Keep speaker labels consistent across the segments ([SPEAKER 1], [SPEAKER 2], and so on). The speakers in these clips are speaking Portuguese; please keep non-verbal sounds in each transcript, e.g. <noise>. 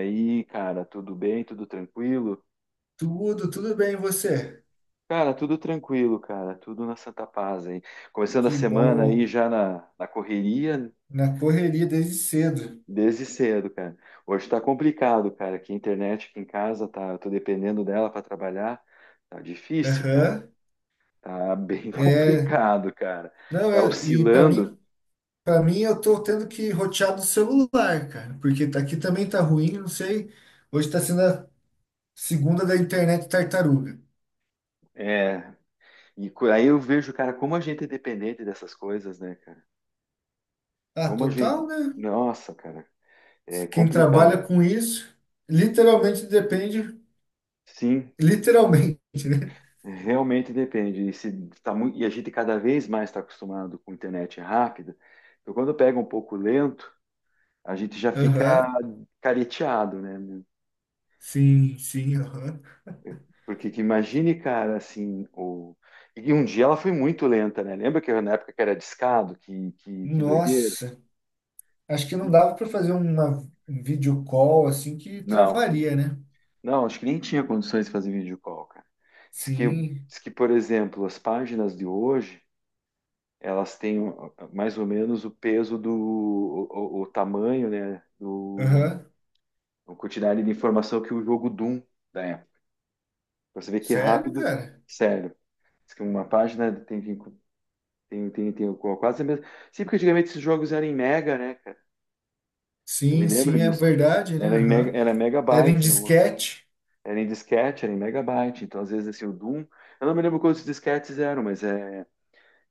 [SPEAKER 1] E aí, cara, tudo bem? Tudo tranquilo?
[SPEAKER 2] Tudo bem, e você?
[SPEAKER 1] Cara, tudo tranquilo, cara, tudo na santa paz aí. Começando a
[SPEAKER 2] Que
[SPEAKER 1] semana aí
[SPEAKER 2] bom.
[SPEAKER 1] já na correria
[SPEAKER 2] Na correria desde cedo.
[SPEAKER 1] desde cedo, cara. Hoje tá complicado, cara, que a internet aqui em casa tá, eu tô dependendo dela para trabalhar. Tá difícil, cara.
[SPEAKER 2] Aham.
[SPEAKER 1] Tá bem <laughs>
[SPEAKER 2] É,
[SPEAKER 1] complicado, cara.
[SPEAKER 2] não,
[SPEAKER 1] Tá
[SPEAKER 2] é, E para
[SPEAKER 1] oscilando.
[SPEAKER 2] mim eu tô tendo que rotear do celular, cara, porque aqui também tá ruim, não sei. Hoje tá sendo a segunda da internet tartaruga.
[SPEAKER 1] É, Aí eu vejo, cara, como a gente é dependente dessas coisas, né, cara?
[SPEAKER 2] Ah,
[SPEAKER 1] Como a gente.
[SPEAKER 2] total, né?
[SPEAKER 1] Nossa, cara, é
[SPEAKER 2] Quem trabalha
[SPEAKER 1] complicado.
[SPEAKER 2] com isso, literalmente depende,
[SPEAKER 1] Sim,
[SPEAKER 2] literalmente, né?
[SPEAKER 1] realmente depende. E, se tá muito, e a gente cada vez mais está acostumado com internet rápida. Então, quando pega um pouco lento, a gente já fica
[SPEAKER 2] Aham.
[SPEAKER 1] careteado, né?
[SPEAKER 2] Sim, sim, aham.
[SPEAKER 1] Porque que imagine, cara, assim, e um dia ela foi muito lenta, né? Lembra que na época que era discado, que doideira?
[SPEAKER 2] Nossa. Acho que não
[SPEAKER 1] E-
[SPEAKER 2] dava para fazer um vídeo call assim que
[SPEAKER 1] Não,
[SPEAKER 2] travaria, né?
[SPEAKER 1] não, acho que nem tinha condições de fazer vídeo call, cara. Diz que,
[SPEAKER 2] Sim.
[SPEAKER 1] diz que, por exemplo, as páginas de hoje, elas têm mais ou menos o peso do, o tamanho, né?
[SPEAKER 2] Aham.
[SPEAKER 1] Uma quantidade de informação que o jogo Doom da época. Pra você ver que é
[SPEAKER 2] Sério,
[SPEAKER 1] rápido,
[SPEAKER 2] cara?
[SPEAKER 1] sério. Diz que uma página tem, tem quase a mesma. Sim, porque antigamente esses jogos eram em mega, né, cara? Eu me
[SPEAKER 2] Sim,
[SPEAKER 1] lembro
[SPEAKER 2] sim, é
[SPEAKER 1] disso.
[SPEAKER 2] verdade, né?
[SPEAKER 1] Era em mega,
[SPEAKER 2] Aham.
[SPEAKER 1] era
[SPEAKER 2] Era em
[SPEAKER 1] megabyte, não.
[SPEAKER 2] disquete.
[SPEAKER 1] Era em disquete, era em megabyte. Então, às vezes, assim, o Doom. Eu não me lembro quantos disquetes eram, mas é,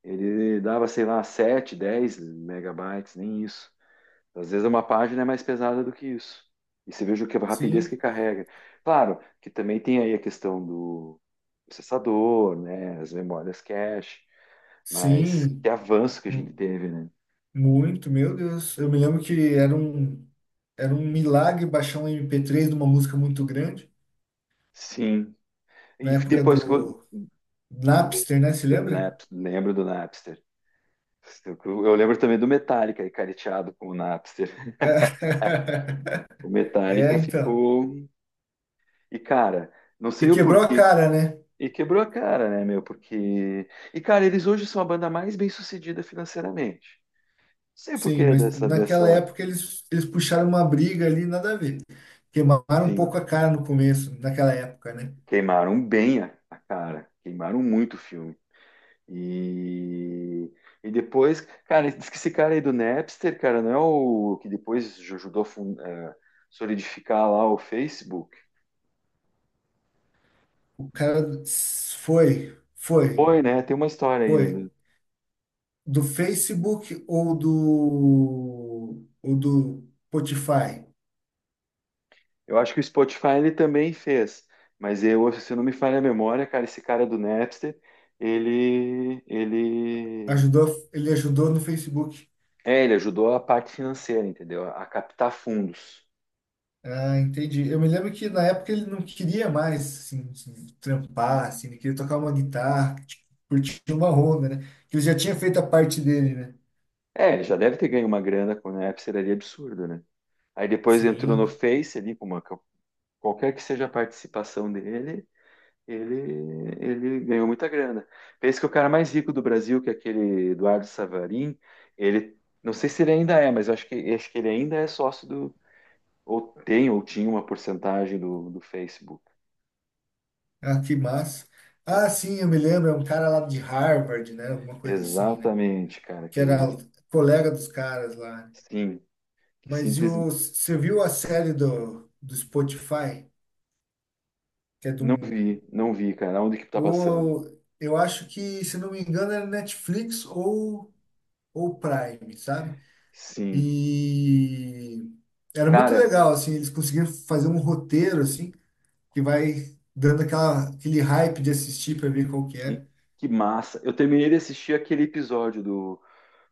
[SPEAKER 1] ele dava, sei lá, 7, 10 megabytes, nem isso. Às vezes uma página é mais pesada do que isso. E você veja o que a rapidez
[SPEAKER 2] Sim,
[SPEAKER 1] que carrega. Claro que também tem aí a questão do processador, né? As memórias cache, mas que
[SPEAKER 2] sim.
[SPEAKER 1] avanço que a gente
[SPEAKER 2] Mu-
[SPEAKER 1] teve, né?
[SPEAKER 2] Muito, meu Deus. Eu me lembro que era um milagre baixar um MP3 de uma música muito grande,
[SPEAKER 1] Sim.
[SPEAKER 2] na
[SPEAKER 1] E
[SPEAKER 2] época
[SPEAKER 1] depois que eu,
[SPEAKER 2] do
[SPEAKER 1] do,
[SPEAKER 2] Napster, né? Se lembra?
[SPEAKER 1] Lembro do Napster. Eu, eu lembro também do Metallica, careteado com o Napster.
[SPEAKER 2] É,
[SPEAKER 1] O
[SPEAKER 2] <laughs> é,
[SPEAKER 1] Metallica
[SPEAKER 2] então.
[SPEAKER 1] ficou. E, cara, não
[SPEAKER 2] E
[SPEAKER 1] sei o
[SPEAKER 2] quebrou a
[SPEAKER 1] porquê.
[SPEAKER 2] cara, né?
[SPEAKER 1] E quebrou a cara, né, meu? Porque. E, cara, eles hoje são a banda mais bem-sucedida financeiramente. Não sei por
[SPEAKER 2] Sim,
[SPEAKER 1] que
[SPEAKER 2] mas naquela
[SPEAKER 1] dessa.
[SPEAKER 2] época eles puxaram uma briga ali, nada a ver. Queimaram um
[SPEAKER 1] Sim,
[SPEAKER 2] pouco a cara no começo, naquela época, né?
[SPEAKER 1] queimaram bem a cara. Queimaram muito o filme. E. E depois, cara, diz que esse cara aí do Napster, cara, não é o que depois ajudou a solidificar lá o Facebook?
[SPEAKER 2] O cara foi, foi,
[SPEAKER 1] Foi, né? Tem uma história aí.
[SPEAKER 2] foi do Facebook ou do Spotify.
[SPEAKER 1] Eu acho que o Spotify ele também fez, mas eu, se não me falha a memória, cara, esse cara do Napster, ele, ele,
[SPEAKER 2] Ajudou, ele ajudou no Facebook.
[SPEAKER 1] é, ele ajudou a parte financeira, entendeu? A captar fundos.
[SPEAKER 2] Ah, entendi. Eu me lembro que na época ele não queria mais assim, se trampar, assim, ele queria tocar uma guitarra, tipo, curtir uma onda, né? Que ele já tinha feito a parte dele, né?
[SPEAKER 1] É, ele já deve ter ganho uma grana com o Napster ali absurda, né? Aí depois entrou no
[SPEAKER 2] Sim.
[SPEAKER 1] Face ali, com uma, qualquer que seja a participação dele, ele ganhou muita grana. Pensa que o cara mais rico do Brasil, que é aquele Eduardo Savarin, ele, não sei se ele ainda é, mas eu acho que ele ainda é sócio. Ou tem, ou tinha uma porcentagem do, do Facebook.
[SPEAKER 2] Ah, que massa.
[SPEAKER 1] É,
[SPEAKER 2] Ah, sim, eu me lembro, é um cara lá de Harvard, né? Alguma coisa assim, né?
[SPEAKER 1] exatamente, cara,
[SPEAKER 2] Que
[SPEAKER 1] que
[SPEAKER 2] era colega dos caras lá.
[SPEAKER 1] sim, que
[SPEAKER 2] Mas e o,
[SPEAKER 1] simplesmente
[SPEAKER 2] você viu a série do Spotify? Que é de
[SPEAKER 1] não
[SPEAKER 2] um.
[SPEAKER 1] vi, não vi, cara, onde que tá passando?
[SPEAKER 2] Eu acho que, se não me engano, era Netflix ou Prime, sabe?
[SPEAKER 1] Sim.
[SPEAKER 2] E era muito
[SPEAKER 1] Cara,
[SPEAKER 2] legal, assim, eles conseguiram fazer um roteiro, assim, que vai dando aquela, aquele hype de assistir para ver qual que
[SPEAKER 1] e-
[SPEAKER 2] é.
[SPEAKER 1] que massa. Eu terminei de assistir aquele episódio do,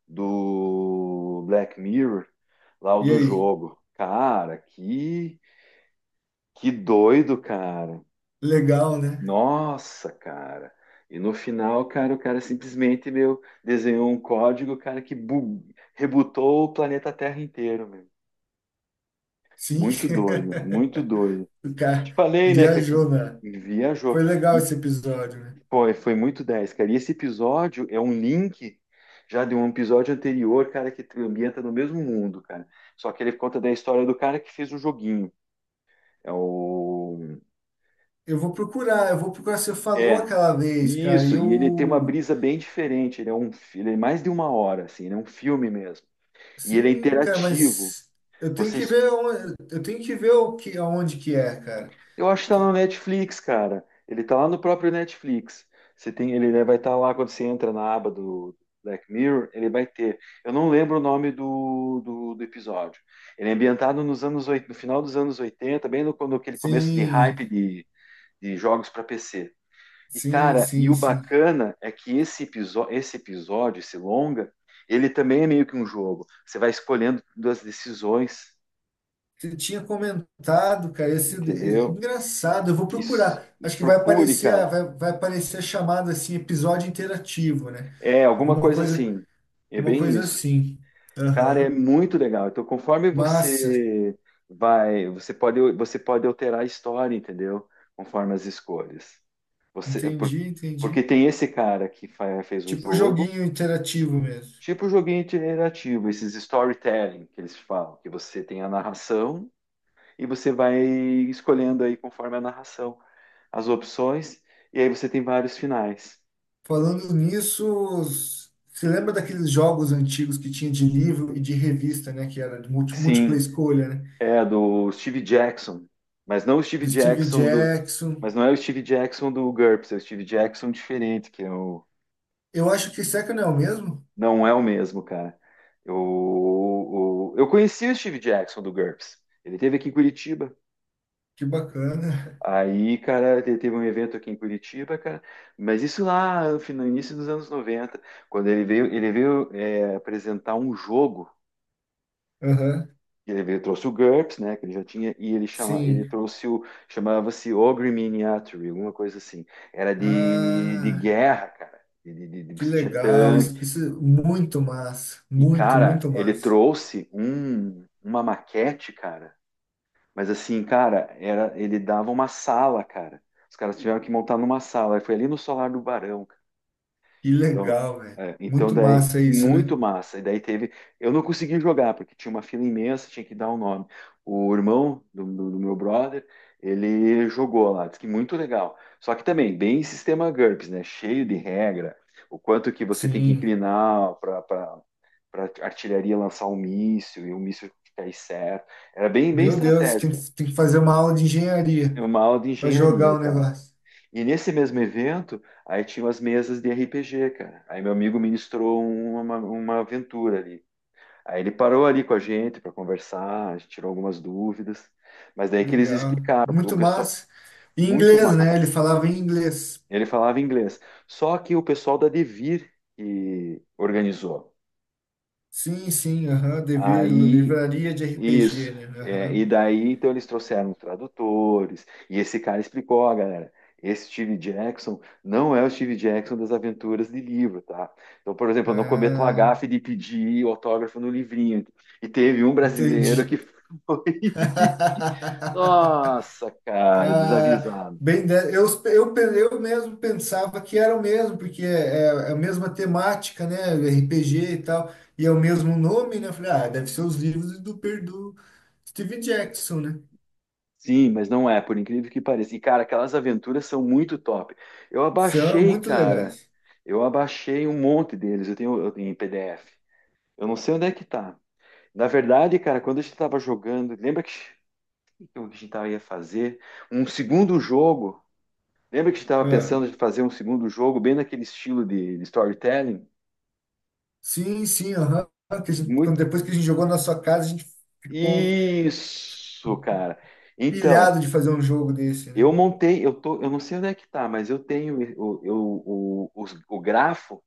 [SPEAKER 1] do Black Mirror, lá o
[SPEAKER 2] E
[SPEAKER 1] do
[SPEAKER 2] aí?
[SPEAKER 1] jogo. Cara, que doido, cara.
[SPEAKER 2] Legal, né?
[SPEAKER 1] Nossa, cara. E no final, cara, o cara simplesmente, meu, desenhou um código, cara, que rebutou o planeta Terra inteiro, meu.
[SPEAKER 2] Sim,
[SPEAKER 1] Muito doido, muito doido.
[SPEAKER 2] <laughs> o
[SPEAKER 1] Te
[SPEAKER 2] cara
[SPEAKER 1] falei, né, que
[SPEAKER 2] viajou, né?
[SPEAKER 1] viajou.
[SPEAKER 2] Foi legal
[SPEAKER 1] E
[SPEAKER 2] esse episódio, né?
[SPEAKER 1] foi muito 10 cara. E esse episódio é um link já de um episódio anterior, cara, que te ambienta no mesmo mundo, cara. Só que ele conta da história do cara que fez o joguinho. É o
[SPEAKER 2] Eu vou procurar. Você falou
[SPEAKER 1] É,
[SPEAKER 2] aquela vez, cara, e
[SPEAKER 1] isso, e ele tem uma
[SPEAKER 2] eu.
[SPEAKER 1] brisa bem diferente, ele é um, ele é mais de uma hora, assim, ele é um filme mesmo, e ele é
[SPEAKER 2] Sim, cara,
[SPEAKER 1] interativo,
[SPEAKER 2] mas eu tenho que
[SPEAKER 1] vocês,
[SPEAKER 2] ver, onde, eu tenho que ver o que, aonde que é, cara.
[SPEAKER 1] eu acho que tá
[SPEAKER 2] Que-
[SPEAKER 1] no Netflix, cara, ele tá lá no próprio Netflix, você tem, ele vai estar lá quando você entra na aba do Black Mirror, ele vai ter, eu não lembro o nome do, do episódio, ele é ambientado nos anos, no final dos anos 80, bem no, aquele começo de
[SPEAKER 2] Sim,
[SPEAKER 1] hype de jogos para PC. E,
[SPEAKER 2] sim,
[SPEAKER 1] cara, e
[SPEAKER 2] sim,
[SPEAKER 1] o
[SPEAKER 2] sim.
[SPEAKER 1] bacana é que esse, esse episódio, esse longa, ele também é meio que um jogo. Você vai escolhendo duas decisões,
[SPEAKER 2] Você tinha comentado, cara, esse,
[SPEAKER 1] entendeu?
[SPEAKER 2] engraçado. Eu vou
[SPEAKER 1] Isso.
[SPEAKER 2] procurar. Acho que vai
[SPEAKER 1] Procure,
[SPEAKER 2] aparecer,
[SPEAKER 1] cara.
[SPEAKER 2] vai aparecer a chamada assim, episódio interativo, né?
[SPEAKER 1] É, alguma
[SPEAKER 2] Alguma
[SPEAKER 1] coisa
[SPEAKER 2] coisa,
[SPEAKER 1] assim. É
[SPEAKER 2] alguma
[SPEAKER 1] bem
[SPEAKER 2] coisa
[SPEAKER 1] isso.
[SPEAKER 2] assim.
[SPEAKER 1] Cara, é
[SPEAKER 2] Aham.
[SPEAKER 1] muito legal. Então, conforme
[SPEAKER 2] Massa,
[SPEAKER 1] você vai, você pode alterar a história, entendeu? Conforme as escolhas. Você, porque,
[SPEAKER 2] entendi,
[SPEAKER 1] porque
[SPEAKER 2] entendi.
[SPEAKER 1] tem esse cara que fez o
[SPEAKER 2] Tipo um
[SPEAKER 1] jogo.
[SPEAKER 2] joguinho interativo mesmo.
[SPEAKER 1] Tipo joguinho iterativo, esses storytelling que eles falam, que você tem a narração e você vai escolhendo aí conforme a narração as opções e aí você tem vários finais.
[SPEAKER 2] Falando nisso, você lembra daqueles jogos antigos que tinha de livro e de revista, né? Que era de múltipla
[SPEAKER 1] Sim,
[SPEAKER 2] escolha, né?
[SPEAKER 1] é do Steve Jackson, mas não o Steve
[SPEAKER 2] Do Steve
[SPEAKER 1] Jackson do,
[SPEAKER 2] Jackson.
[SPEAKER 1] mas não é o Steve Jackson do GURPS, é o Steve Jackson diferente, que é o,
[SPEAKER 2] Eu acho que Second é o mesmo?
[SPEAKER 1] não é o mesmo, cara. Eu conheci o Steve Jackson do GURPS. Ele esteve aqui em Curitiba.
[SPEAKER 2] Que bacana.
[SPEAKER 1] Aí, cara, teve um evento aqui em Curitiba, cara, mas isso lá no no início dos anos 90, quando ele veio é, apresentar um jogo,
[SPEAKER 2] <laughs> Aham,
[SPEAKER 1] ele veio, trouxe o GURPS, né, que ele já tinha, e ele chama, ele
[SPEAKER 2] Sim.
[SPEAKER 1] trouxe o, chamava-se Ogre Miniature, alguma coisa assim, era de
[SPEAKER 2] Ah,
[SPEAKER 1] guerra, cara, de,
[SPEAKER 2] que
[SPEAKER 1] você tinha
[SPEAKER 2] legal.
[SPEAKER 1] tanque,
[SPEAKER 2] Isso é muito massa.
[SPEAKER 1] e,
[SPEAKER 2] Muito,
[SPEAKER 1] cara,
[SPEAKER 2] muito
[SPEAKER 1] ele
[SPEAKER 2] massa.
[SPEAKER 1] trouxe um, uma maquete, cara. Mas assim, cara, era, ele dava uma sala, cara. Os caras tiveram que montar numa sala. Aí foi ali no solar do Barão, cara.
[SPEAKER 2] Que
[SPEAKER 1] Então,
[SPEAKER 2] legal, velho.
[SPEAKER 1] é, então
[SPEAKER 2] Muito
[SPEAKER 1] daí,
[SPEAKER 2] massa isso, né?
[SPEAKER 1] muito massa. E daí teve. Eu não consegui jogar, porque tinha uma fila imensa, tinha que dar o nome. O irmão do, do meu brother, ele jogou lá, disse que muito legal. Só que também, bem sistema GURPS, né? Cheio de regra. O quanto que você tem que
[SPEAKER 2] Sim.
[SPEAKER 1] inclinar para artilharia lançar um míssil e o míssil cair certo. Era bem, bem
[SPEAKER 2] Meu Deus, tem,
[SPEAKER 1] estratégico.
[SPEAKER 2] tem que fazer uma aula de
[SPEAKER 1] É
[SPEAKER 2] engenharia
[SPEAKER 1] uma aula de
[SPEAKER 2] para jogar
[SPEAKER 1] engenharia,
[SPEAKER 2] o
[SPEAKER 1] cara.
[SPEAKER 2] negócio.
[SPEAKER 1] E nesse mesmo evento, aí tinham as mesas de RPG, cara. Aí meu amigo ministrou uma aventura ali. Aí ele parou ali com a gente para conversar, a gente tirou algumas dúvidas. Mas daí que eles
[SPEAKER 2] Legal.
[SPEAKER 1] explicaram, o
[SPEAKER 2] Muito
[SPEAKER 1] pessoal
[SPEAKER 2] massa. Em
[SPEAKER 1] muito,
[SPEAKER 2] inglês, né? Ele falava em inglês.
[SPEAKER 1] ele falava inglês. Só que o pessoal da Devir que organizou.
[SPEAKER 2] Sim, sim, aham. Devia
[SPEAKER 1] Aí,
[SPEAKER 2] livraria de RPG,
[SPEAKER 1] isso.
[SPEAKER 2] né?
[SPEAKER 1] É, e
[SPEAKER 2] Aham.
[SPEAKER 1] daí, então, eles trouxeram tradutores, e esse cara explicou, ó, galera, esse Steve Jackson não é o Steve Jackson das aventuras de livro, tá? Então, por exemplo, eu não cometo uma
[SPEAKER 2] Ah,
[SPEAKER 1] gafe de pedir autógrafo no livrinho. E teve um brasileiro
[SPEAKER 2] entendi.
[SPEAKER 1] que <laughs> foi e nossa,
[SPEAKER 2] <laughs>
[SPEAKER 1] cara,
[SPEAKER 2] Ah,
[SPEAKER 1] desavisado.
[SPEAKER 2] bem, eu mesmo pensava que era o mesmo, porque é, é a mesma temática, né? RPG e tal, e é o mesmo nome, né? Eu falei, ah, deve ser os livros do, do Steve Jackson, né?
[SPEAKER 1] Sim, mas não é, por incrível que pareça. E, cara, aquelas aventuras são muito top. Eu
[SPEAKER 2] São
[SPEAKER 1] abaixei,
[SPEAKER 2] muito
[SPEAKER 1] cara.
[SPEAKER 2] legais.
[SPEAKER 1] Eu abaixei um monte deles. Eu tenho em PDF. Eu não sei onde é que tá. Na verdade, cara, quando a gente tava jogando, lembra que o que a gente tava, ia fazer? Um segundo jogo. Lembra que a gente tava
[SPEAKER 2] Ah,
[SPEAKER 1] pensando em fazer um segundo jogo, bem naquele estilo de storytelling?
[SPEAKER 2] sim, sim, aham. Que a gente- quando-
[SPEAKER 1] Muito.
[SPEAKER 2] Depois que a gente jogou na sua casa, a gente ficou
[SPEAKER 1] Isso, cara. Então.
[SPEAKER 2] pilhado de fazer um jogo desse, né?
[SPEAKER 1] Eu montei, eu tô, eu não sei onde é que tá, mas eu tenho o, o, o grafo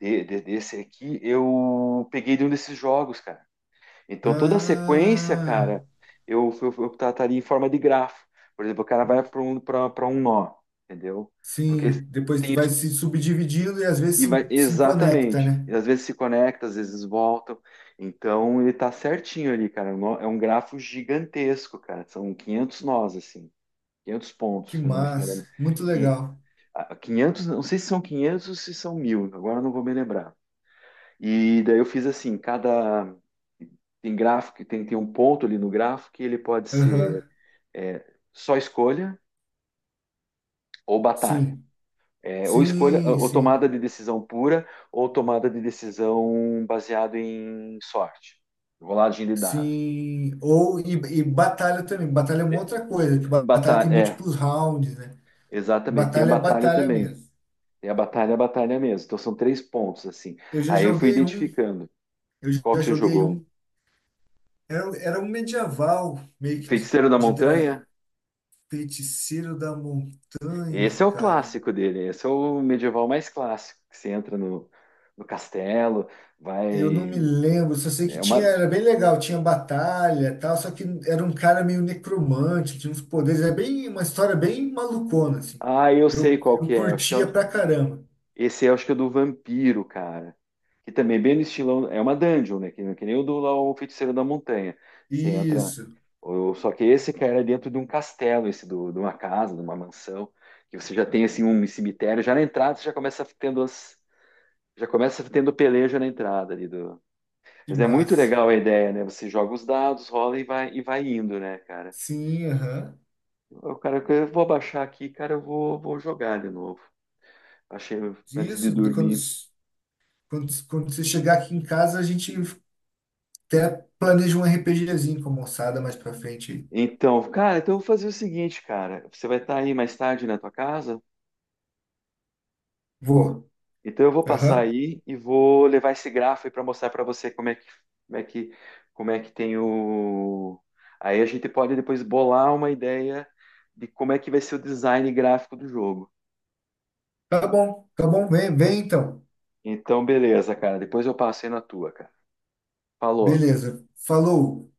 [SPEAKER 1] desse aqui, eu peguei de um desses jogos, cara. Então toda a sequência,
[SPEAKER 2] Ah,
[SPEAKER 1] cara, eu trataria em forma de grafo. Por exemplo, o cara vai para um, pra um nó, entendeu? Porque
[SPEAKER 2] sim. Depois
[SPEAKER 1] tem
[SPEAKER 2] vai
[SPEAKER 1] isso
[SPEAKER 2] se subdividindo e às vezes
[SPEAKER 1] e vai
[SPEAKER 2] se conecta,
[SPEAKER 1] exatamente.
[SPEAKER 2] né?
[SPEAKER 1] E às vezes se conecta, às vezes voltam. Então ele tá certinho ali, cara. É um grafo gigantesco, cara. São 500 nós, assim, 500 pontos,
[SPEAKER 2] Que
[SPEAKER 1] se não me
[SPEAKER 2] massa,
[SPEAKER 1] falha.
[SPEAKER 2] muito legal.
[SPEAKER 1] 500, não sei se são 500 ou se são 1000 agora não vou me lembrar. E daí eu fiz assim, cada tem gráfico, tem um ponto ali no gráfico que ele pode ser
[SPEAKER 2] Aham,
[SPEAKER 1] é, só escolha ou batalha.
[SPEAKER 2] Sim,
[SPEAKER 1] É, ou escolha,
[SPEAKER 2] sim,
[SPEAKER 1] ou
[SPEAKER 2] sim,
[SPEAKER 1] tomada de decisão pura, ou tomada de decisão baseado em sorte, rolagem de dados.
[SPEAKER 2] sim. Ou e batalha também. Batalha é uma
[SPEAKER 1] É,
[SPEAKER 2] outra coisa, que batalha tem
[SPEAKER 1] batalha, é,
[SPEAKER 2] múltiplos rounds, né?
[SPEAKER 1] exatamente. Tem a
[SPEAKER 2] Batalha é
[SPEAKER 1] batalha
[SPEAKER 2] batalha
[SPEAKER 1] também.
[SPEAKER 2] mesmo.
[SPEAKER 1] Tem a batalha mesmo. Então são três pontos, assim.
[SPEAKER 2] Eu já
[SPEAKER 1] Aí eu fui
[SPEAKER 2] joguei um,
[SPEAKER 1] identificando
[SPEAKER 2] eu
[SPEAKER 1] qual
[SPEAKER 2] já
[SPEAKER 1] que você
[SPEAKER 2] joguei
[SPEAKER 1] jogou.
[SPEAKER 2] um. Era, era um medieval, meio que de,
[SPEAKER 1] Feiticeiro da Montanha?
[SPEAKER 2] feiticeiro da montanha,
[SPEAKER 1] Esse é o
[SPEAKER 2] cara.
[SPEAKER 1] clássico dele, esse é o medieval mais clássico, que você entra no, no castelo,
[SPEAKER 2] Eu não me
[SPEAKER 1] vai.
[SPEAKER 2] lembro, só sei que
[SPEAKER 1] É
[SPEAKER 2] tinha,
[SPEAKER 1] uma.
[SPEAKER 2] era bem legal, tinha batalha e tal, só que era um cara meio necromante, tinha uns poderes, é bem uma história bem malucona, assim.
[SPEAKER 1] Ah, eu sei
[SPEAKER 2] Eu,
[SPEAKER 1] qual
[SPEAKER 2] eu
[SPEAKER 1] que é. Acho que é...
[SPEAKER 2] curtia pra caramba.
[SPEAKER 1] Esse é, acho que é o do vampiro, cara. Que também é bem no estilão. É uma dungeon, né? Que nem o do lá, o Feiticeiro da Montanha. Você entra.
[SPEAKER 2] Isso,
[SPEAKER 1] Só que esse, cara, é dentro de um castelo, esse do, de uma casa, de uma mansão, que você já tem assim um cemitério, já na entrada você já começa tendo as. Já começa tendo peleja na entrada ali do.
[SPEAKER 2] que
[SPEAKER 1] Mas é muito
[SPEAKER 2] massa.
[SPEAKER 1] legal a ideia, né? Você joga os dados, rola e vai indo, né, cara?
[SPEAKER 2] Sim, aham.
[SPEAKER 1] O cara, eu vou baixar aqui, cara, eu vou, vou jogar de novo. Achei antes de
[SPEAKER 2] Isso, de
[SPEAKER 1] dormir.
[SPEAKER 2] quando você chegar aqui em casa, a gente até planeja um RPGzinho com a moçada mais pra frente.
[SPEAKER 1] Então, cara, então eu vou fazer o seguinte, cara. Você vai estar aí mais tarde na tua casa?
[SPEAKER 2] Vou.
[SPEAKER 1] Então eu vou passar
[SPEAKER 2] Aham.
[SPEAKER 1] aí e vou levar esse gráfico aí para mostrar para você como é que, como é que, como é que tem o. Aí a gente pode depois bolar uma ideia de como é que vai ser o design gráfico do jogo.
[SPEAKER 2] Vem, vem então.
[SPEAKER 1] Então, beleza, cara. Depois eu passo aí na tua, cara. Falou.
[SPEAKER 2] Beleza, falou.